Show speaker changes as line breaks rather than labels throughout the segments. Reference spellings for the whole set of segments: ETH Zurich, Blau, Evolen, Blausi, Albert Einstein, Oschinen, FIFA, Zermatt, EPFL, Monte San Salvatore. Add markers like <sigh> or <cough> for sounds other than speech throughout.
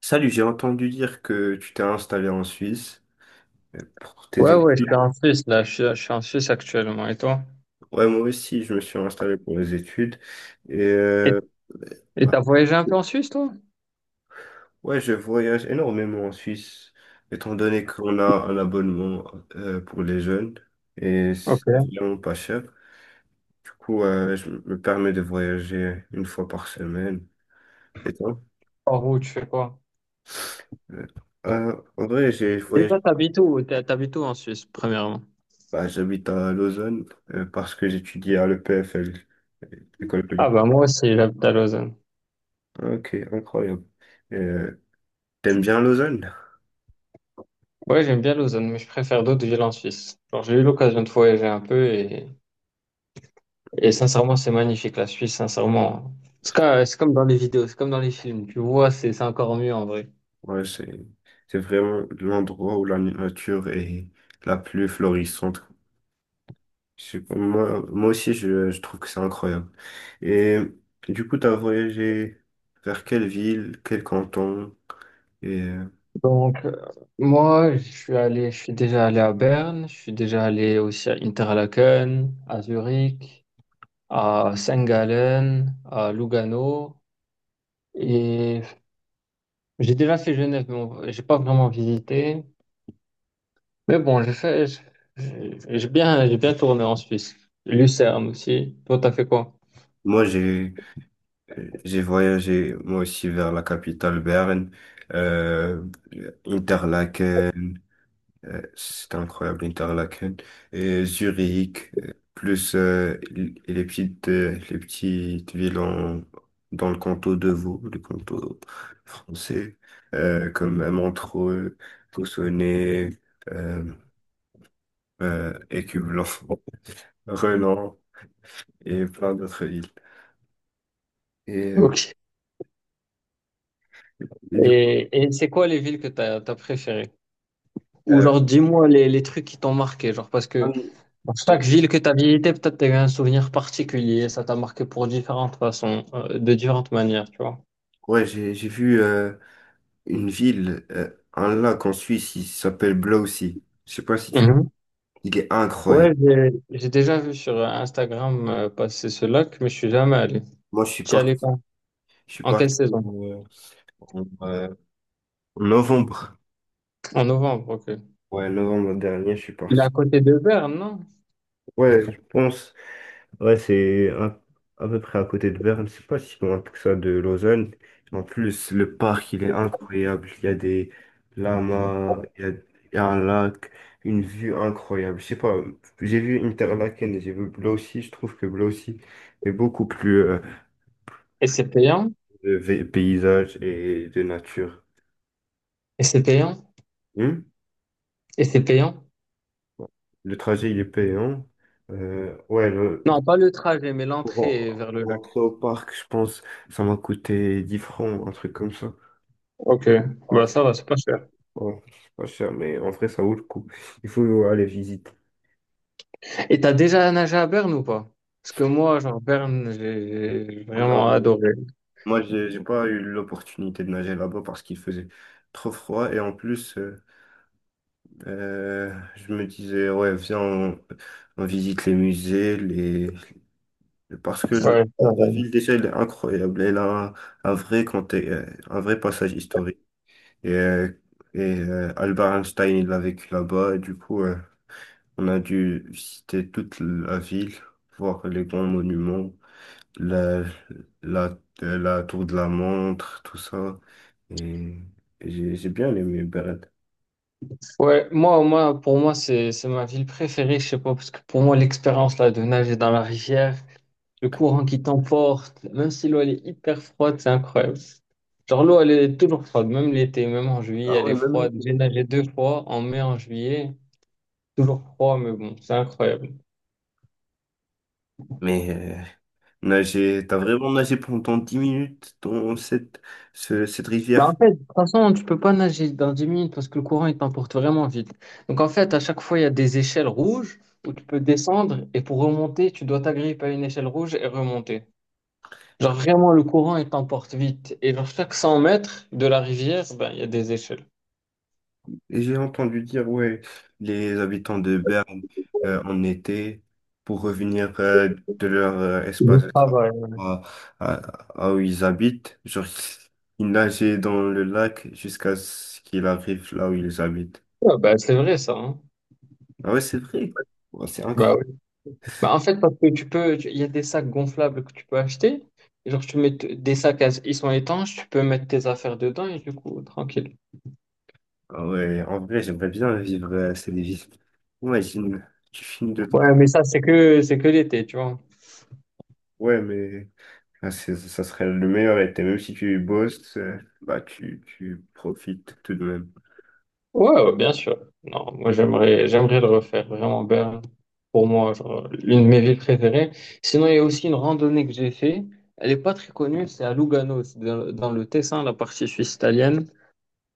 Salut, j'ai entendu dire que tu t'es installé en Suisse pour tes
Ouais, ouais, je suis
études.
en Suisse, là. Je suis en Suisse actuellement. Et toi?
Ouais, moi aussi, je me suis installé pour les études. Et
Et et
bah,
t'as voyagé un peu en Suisse, toi?
ouais, je voyage énormément en Suisse, étant donné qu'on a un abonnement pour les jeunes et c'est
Ok.
vraiment pas cher. Du coup, je me permets de voyager une fois par semaine. Et toi?
Par où, tu fais quoi?
Euh, en vrai, j'ai
Et
voyagé.
toi, t'habites où? T'habites où en Suisse, premièrement?
Bah, j'habite à Lausanne parce que j'étudie à l'EPFL, École
Ah,
polytechnique.
bah, moi aussi, j'habite à Lausanne.
Ok, incroyable. Euh, t'aimes bien Lausanne?
Ouais, j'aime bien Lausanne, mais je préfère d'autres villes en Suisse. Genre, j'ai eu l'occasion de voyager un peu et sincèrement, c'est magnifique, la Suisse, sincèrement. C'est comme dans les vidéos, c'est comme dans les films. Tu vois, c'est encore mieux en vrai.
Ouais, c'est vraiment l'endroit où la nature est la plus florissante. Je Moi aussi, je trouve que c'est incroyable. Et du coup, t'as voyagé vers quelle ville, quel canton? Et
Donc, moi, je suis allé, je suis déjà allé à Berne, je suis déjà allé aussi à Interlaken, à Zurich, à Saint-Gallen, à Lugano. Et j'ai déjà fait Genève, mais j'ai pas vraiment visité. Mais bon, j'ai fait, j'ai bien tourné en Suisse. Lucerne aussi. Toi, t'as fait quoi?
moi, j'ai voyagé, moi aussi, vers la capitale, Berne, euh, Interlaken. C'était incroyable, Interlaken. Et Zurich, et les petites villes dans le canton de Vaud, le canton français, comme Montreux, Cossonay, euh, Écublens, <laughs> Renan et plein d'autres villes. Et, euh,
Ok.
et du coup,
Et c'est quoi les villes que t'as, t'as préférées? Ou
euh,
genre, dis-moi les trucs qui t'ont marqué, genre, parce
ah
que
oui,
pour chaque
mhm.
ville que tu as visitée, peut-être tu as eu un souvenir particulier, ça t'a marqué pour différentes façons, de différentes manières, tu vois.
Ouais, j'ai vu une ville, euh, un lac en Suisse, il s'appelle Blausi. Je sais pas si tu...
Mhm.
Il est
Ouais,
incroyable.
j'ai déjà vu sur Instagram passer ce lac, mais je suis jamais allé.
Moi,
Tu y allais quand?
je suis
En
parti
quelle saison?
en euh, en novembre.
En novembre, ok.
Ouais, novembre dernier, je suis
Il est
parti.
à côté de Berne, non?
Ouais, je pense. Ouais, c'est un- à peu près à côté de Berne. C'est pas si loin que ça de Lausanne. En plus, le parc, il est incroyable. Il y a des lamas, il y a un lac, une vue incroyable. Je sais pas, j'ai vu Interlaken, j'ai vu Blau aussi. Je trouve que Blau aussi est beaucoup plus
Et c'est payant?
paysage et de nature.
Et c'est payant?
Hmm.
Et c'est payant?
Bon, le trajet, il est payant. Euh, ouais, le,
Non,
pour,
pas le trajet, mais
pour
l'entrée vers le lac.
rentrer au parc, je pense, ça m'a coûté 10 francs, un truc comme ça.
Ok,
Ouais,
bah
c'est
ça va, c'est pas cher.
ouais, c'est pas cher, mais en vrai, ça vaut le coup. Il faut aller visiter.
Et t'as déjà nagé à Berne ou pas? Parce que moi, genre, Berne, j'ai
Non,
vraiment
non.
adoré.
Moi, j'ai pas eu l'opportunité de nager là-bas parce qu'il faisait trop froid. Et en plus, je me disais, ouais, viens, on visite les musées, les... parce
Ouais,
que le-
ça
la
va.
ville, déjà, elle est incroyable. Un vrai passage historique. Et, Albert Einstein, il a vécu là-bas. Et du coup, on a dû visiter toute la ville, voir les grands monuments, la, la tour de la montre, tout ça. Et j'ai bien aimé Berne.
Ouais, moi, moi, pour moi, c'est ma ville préférée, je sais pas, parce que pour moi, l'expérience là de nager dans la rivière, le courant qui t'emporte, même si l'eau elle est hyper froide, c'est incroyable. Genre l'eau elle est toujours froide, même l'été, même en juillet,
Ah
elle
ouais,
est
même
froide.
l'été.
J'ai nagé deux fois, en mai, en juillet, toujours froid, mais bon, c'est incroyable.
Mais nager, t'as vraiment nagé pendant 10 minutes dans cette
Bah
rivière.
en fait, de toute façon, tu peux pas nager dans 10 minutes parce que le courant il t'emporte vraiment vite. Donc en fait, à chaque fois, il y a des échelles rouges où tu peux descendre et pour remonter, tu dois t'agripper à une échelle rouge et remonter. Genre vraiment, le courant, il t'emporte vite. Et vers chaque 100 mètres de la rivière, ben, il y a des échelles.
Et j'ai entendu dire, ouais, les habitants de Berne en été pour revenir de leur
Des
espace de travail
travails.
à, à où ils habitent. Genre, ils nageaient dans le lac jusqu'à ce qu'ils arrivent là où ils habitent.
Ouais, ben, c'est vrai ça, hein.
Ah ouais, c'est vrai. Ouais, c'est
Bah
incroyable.
oui. Bah, en fait, parce que il y a des sacs gonflables que tu peux acheter. Et genre, des sacs, ils sont étanches, tu peux mettre tes affaires dedans et du coup, tranquille.
Ah ouais, en vrai, j'aimerais bien vivre cette vie. Imagine, tu finis de ton...
Ouais, mais ça, c'est que l'été, tu vois.
Ouais, mais ah, ça serait le meilleur été. Même si tu bosses, bah, tu profites tout de même.
Ouais, ouais, bien sûr. Non, moi j'aimerais le refaire vraiment bien pour moi, genre l'une de mes villes préférées. Sinon, il y a aussi une randonnée que j'ai fait. Elle est pas très connue, c'est à Lugano, c'est dans le Tessin, la partie suisse italienne.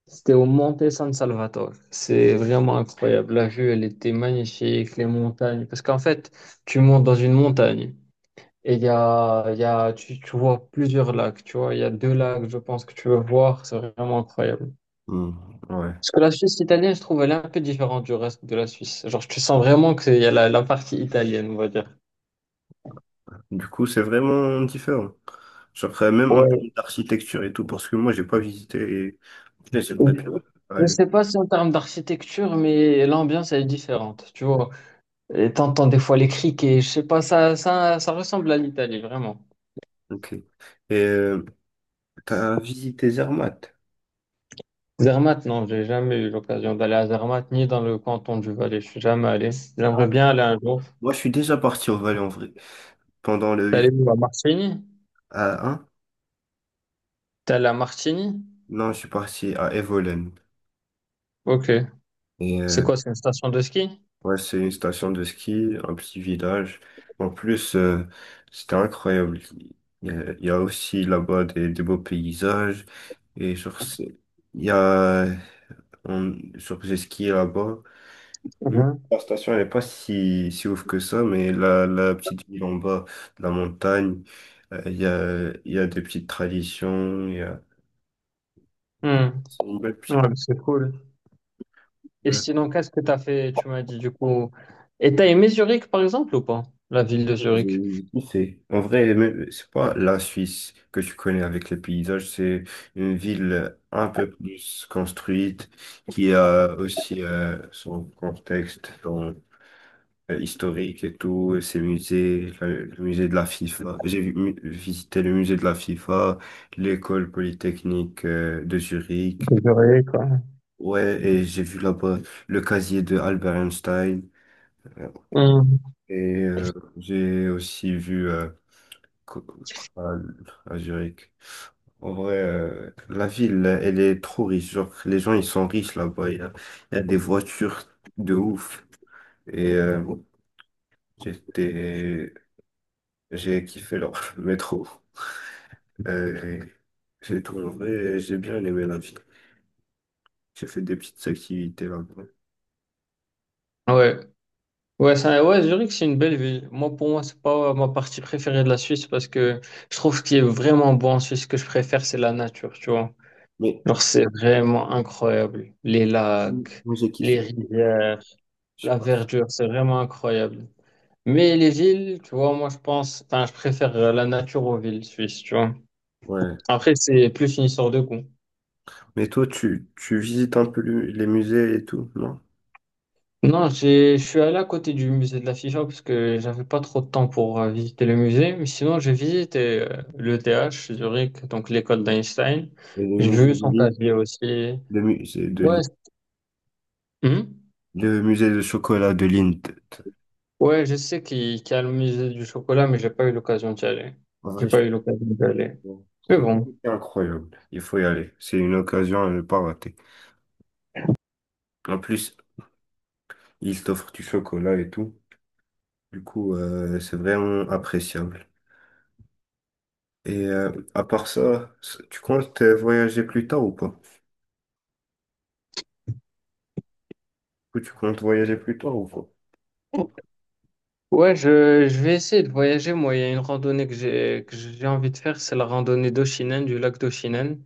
C'était au Monte San Salvatore. C'est vraiment incroyable. La vue, elle était magnifique, les montagnes. Parce qu'en fait, tu montes dans une montagne et il y a, tu vois plusieurs lacs, tu vois. Il y a deux lacs, je pense, que tu veux voir. C'est vraiment incroyable.
Hmm, ouais.
Parce que la Suisse italienne, je trouve, elle est un peu différente du reste de la Suisse. Genre, tu sens vraiment qu'il y a la, la partie italienne, on va dire.
Du coup, c'est vraiment différent. Genre, même en termes
Ouais.
d'architecture et tout, parce que moi, j'ai pas visité et là, j'aimerais bien
Je
aller.
sais pas si en termes d'architecture, mais l'ambiance, elle est différente, tu vois. Et t'entends des fois les criques et je sais pas, ça ressemble à l'Italie, vraiment.
Ok. Et euh, t'as visité Zermatt?
Zermatt, non, j'ai jamais eu l'occasion d'aller à Zermatt, ni dans le canton du Valais. Je suis jamais allé.
Ah
J'aimerais
oui.
bien aller un jour.
Moi, je suis déjà parti au Valais en vrai. Pendant le
T'es allé
week
où, à Martigny?
à un
T'es allé à Martigny?
non, je suis parti à Evolen.
Ok.
Et
C'est quoi, c'est une station de ski?
ouais, c'est une station de ski, un petit village. En plus, c'était incroyable. Il y a aussi là-bas des beaux paysages. Et genre, c'est- il y a, on, genre, j'ai skié là-bas. Hmm.
Mhm.
La station, elle n'est pas si, si ouf que ça, mais la petite ville en bas de la montagne, il y a des petites traditions, il y a...
Hmm.
C'est une belle petite...
Ouais, c'est cool. Et
euh,
sinon, qu'est-ce que tu as fait, tu m'as dit du coup. Et t'as aimé Zurich, par exemple, ou pas? La ville de Zurich.
en vrai, mais c'est pas la Suisse que tu connais avec les paysages, c'est une ville un peu plus construite, qui a aussi son contexte historique et tout, ces musées, le musée de la FIFA. Visité le musée de la FIFA, l'école polytechnique de Zurich.
Que j'aurais, quoi.
Ouais, et j'ai vu là-bas le casier de Albert Einstein. Euh,
Hmm.
J'ai aussi vu co- co- à à Zurich. En vrai, la ville, elle est trop riche. Genre, les gens, ils sont riches là-bas. Il y a des voitures de ouf. Et j'étais, j'ai kiffé leur <laughs> métro. Euh, j'ai bien aimé la vie. J'ai fait des petites activités là-bas.
Ouais. Ouais, Zurich, c'est une belle ville. Moi, pour moi, c'est pas ma partie préférée de la Suisse parce que je trouve ce qui est vraiment beau en Suisse, ce que je préfère, c'est la nature, tu vois.
Mais
Genre, c'est vraiment incroyable. Les
mm,
lacs,
moi, j'ai
les
kiffé,
rivières,
je
la
pense.
verdure, c'est vraiment incroyable. Mais les villes, tu vois, moi, je pense, enfin, je préfère la nature aux villes suisses, tu vois.
Ouais.
Après, c'est plus une histoire de goût.
Mais toi, tu visites un peu les musées et tout, non?
Non, je suis allé à côté du musée de la Figeac parce que j'avais pas trop de temps pour visiter le musée, mais sinon j'ai visité l'ETH Zurich, donc l'école d'Einstein.
Et Le
J'ai
musée
vu
de
son
Lille,
casier aussi.
le musée de
Ouais,
Lille,
c- Hmm.
le musée de chocolat de Lille.
Ouais, je sais qu'il y a le musée du chocolat, mais j'ai pas eu l'occasion d'y aller.
En
J'ai
vrai,
pas
je-
eu l'occasion d'y aller. Mais
c'est
bon.
incroyable. Il faut y aller. C'est une occasion à ne pas rater. En plus, ils t'offrent du chocolat et tout. Du coup, c'est vraiment appréciable. Et à part ça, tu comptes voyager plus tard ou pas? Ou tu comptes voyager plus tard ou pas?
Ouais, je vais essayer de voyager. Moi, il y a une randonnée que j'ai envie de faire, c'est la randonnée d'Oshinen, du lac d'Oshinen.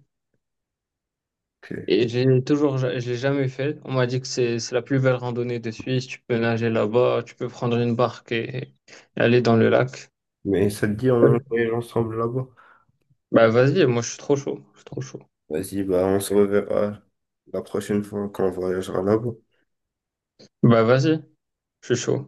Ok.
Et j'ai toujours, je l'ai jamais fait. On m'a dit que c'est la plus belle randonnée de Suisse. Tu peux nager là-bas, tu peux prendre une barque et aller dans le lac.
Mais ça te dit, on voyage ensemble là-bas?
Bah vas-y, moi je suis trop chaud. Je suis trop chaud.
Vas-y, bah on se reverra la prochaine fois quand on voyagera là-bas.
Bah vas-y, je suis chaud.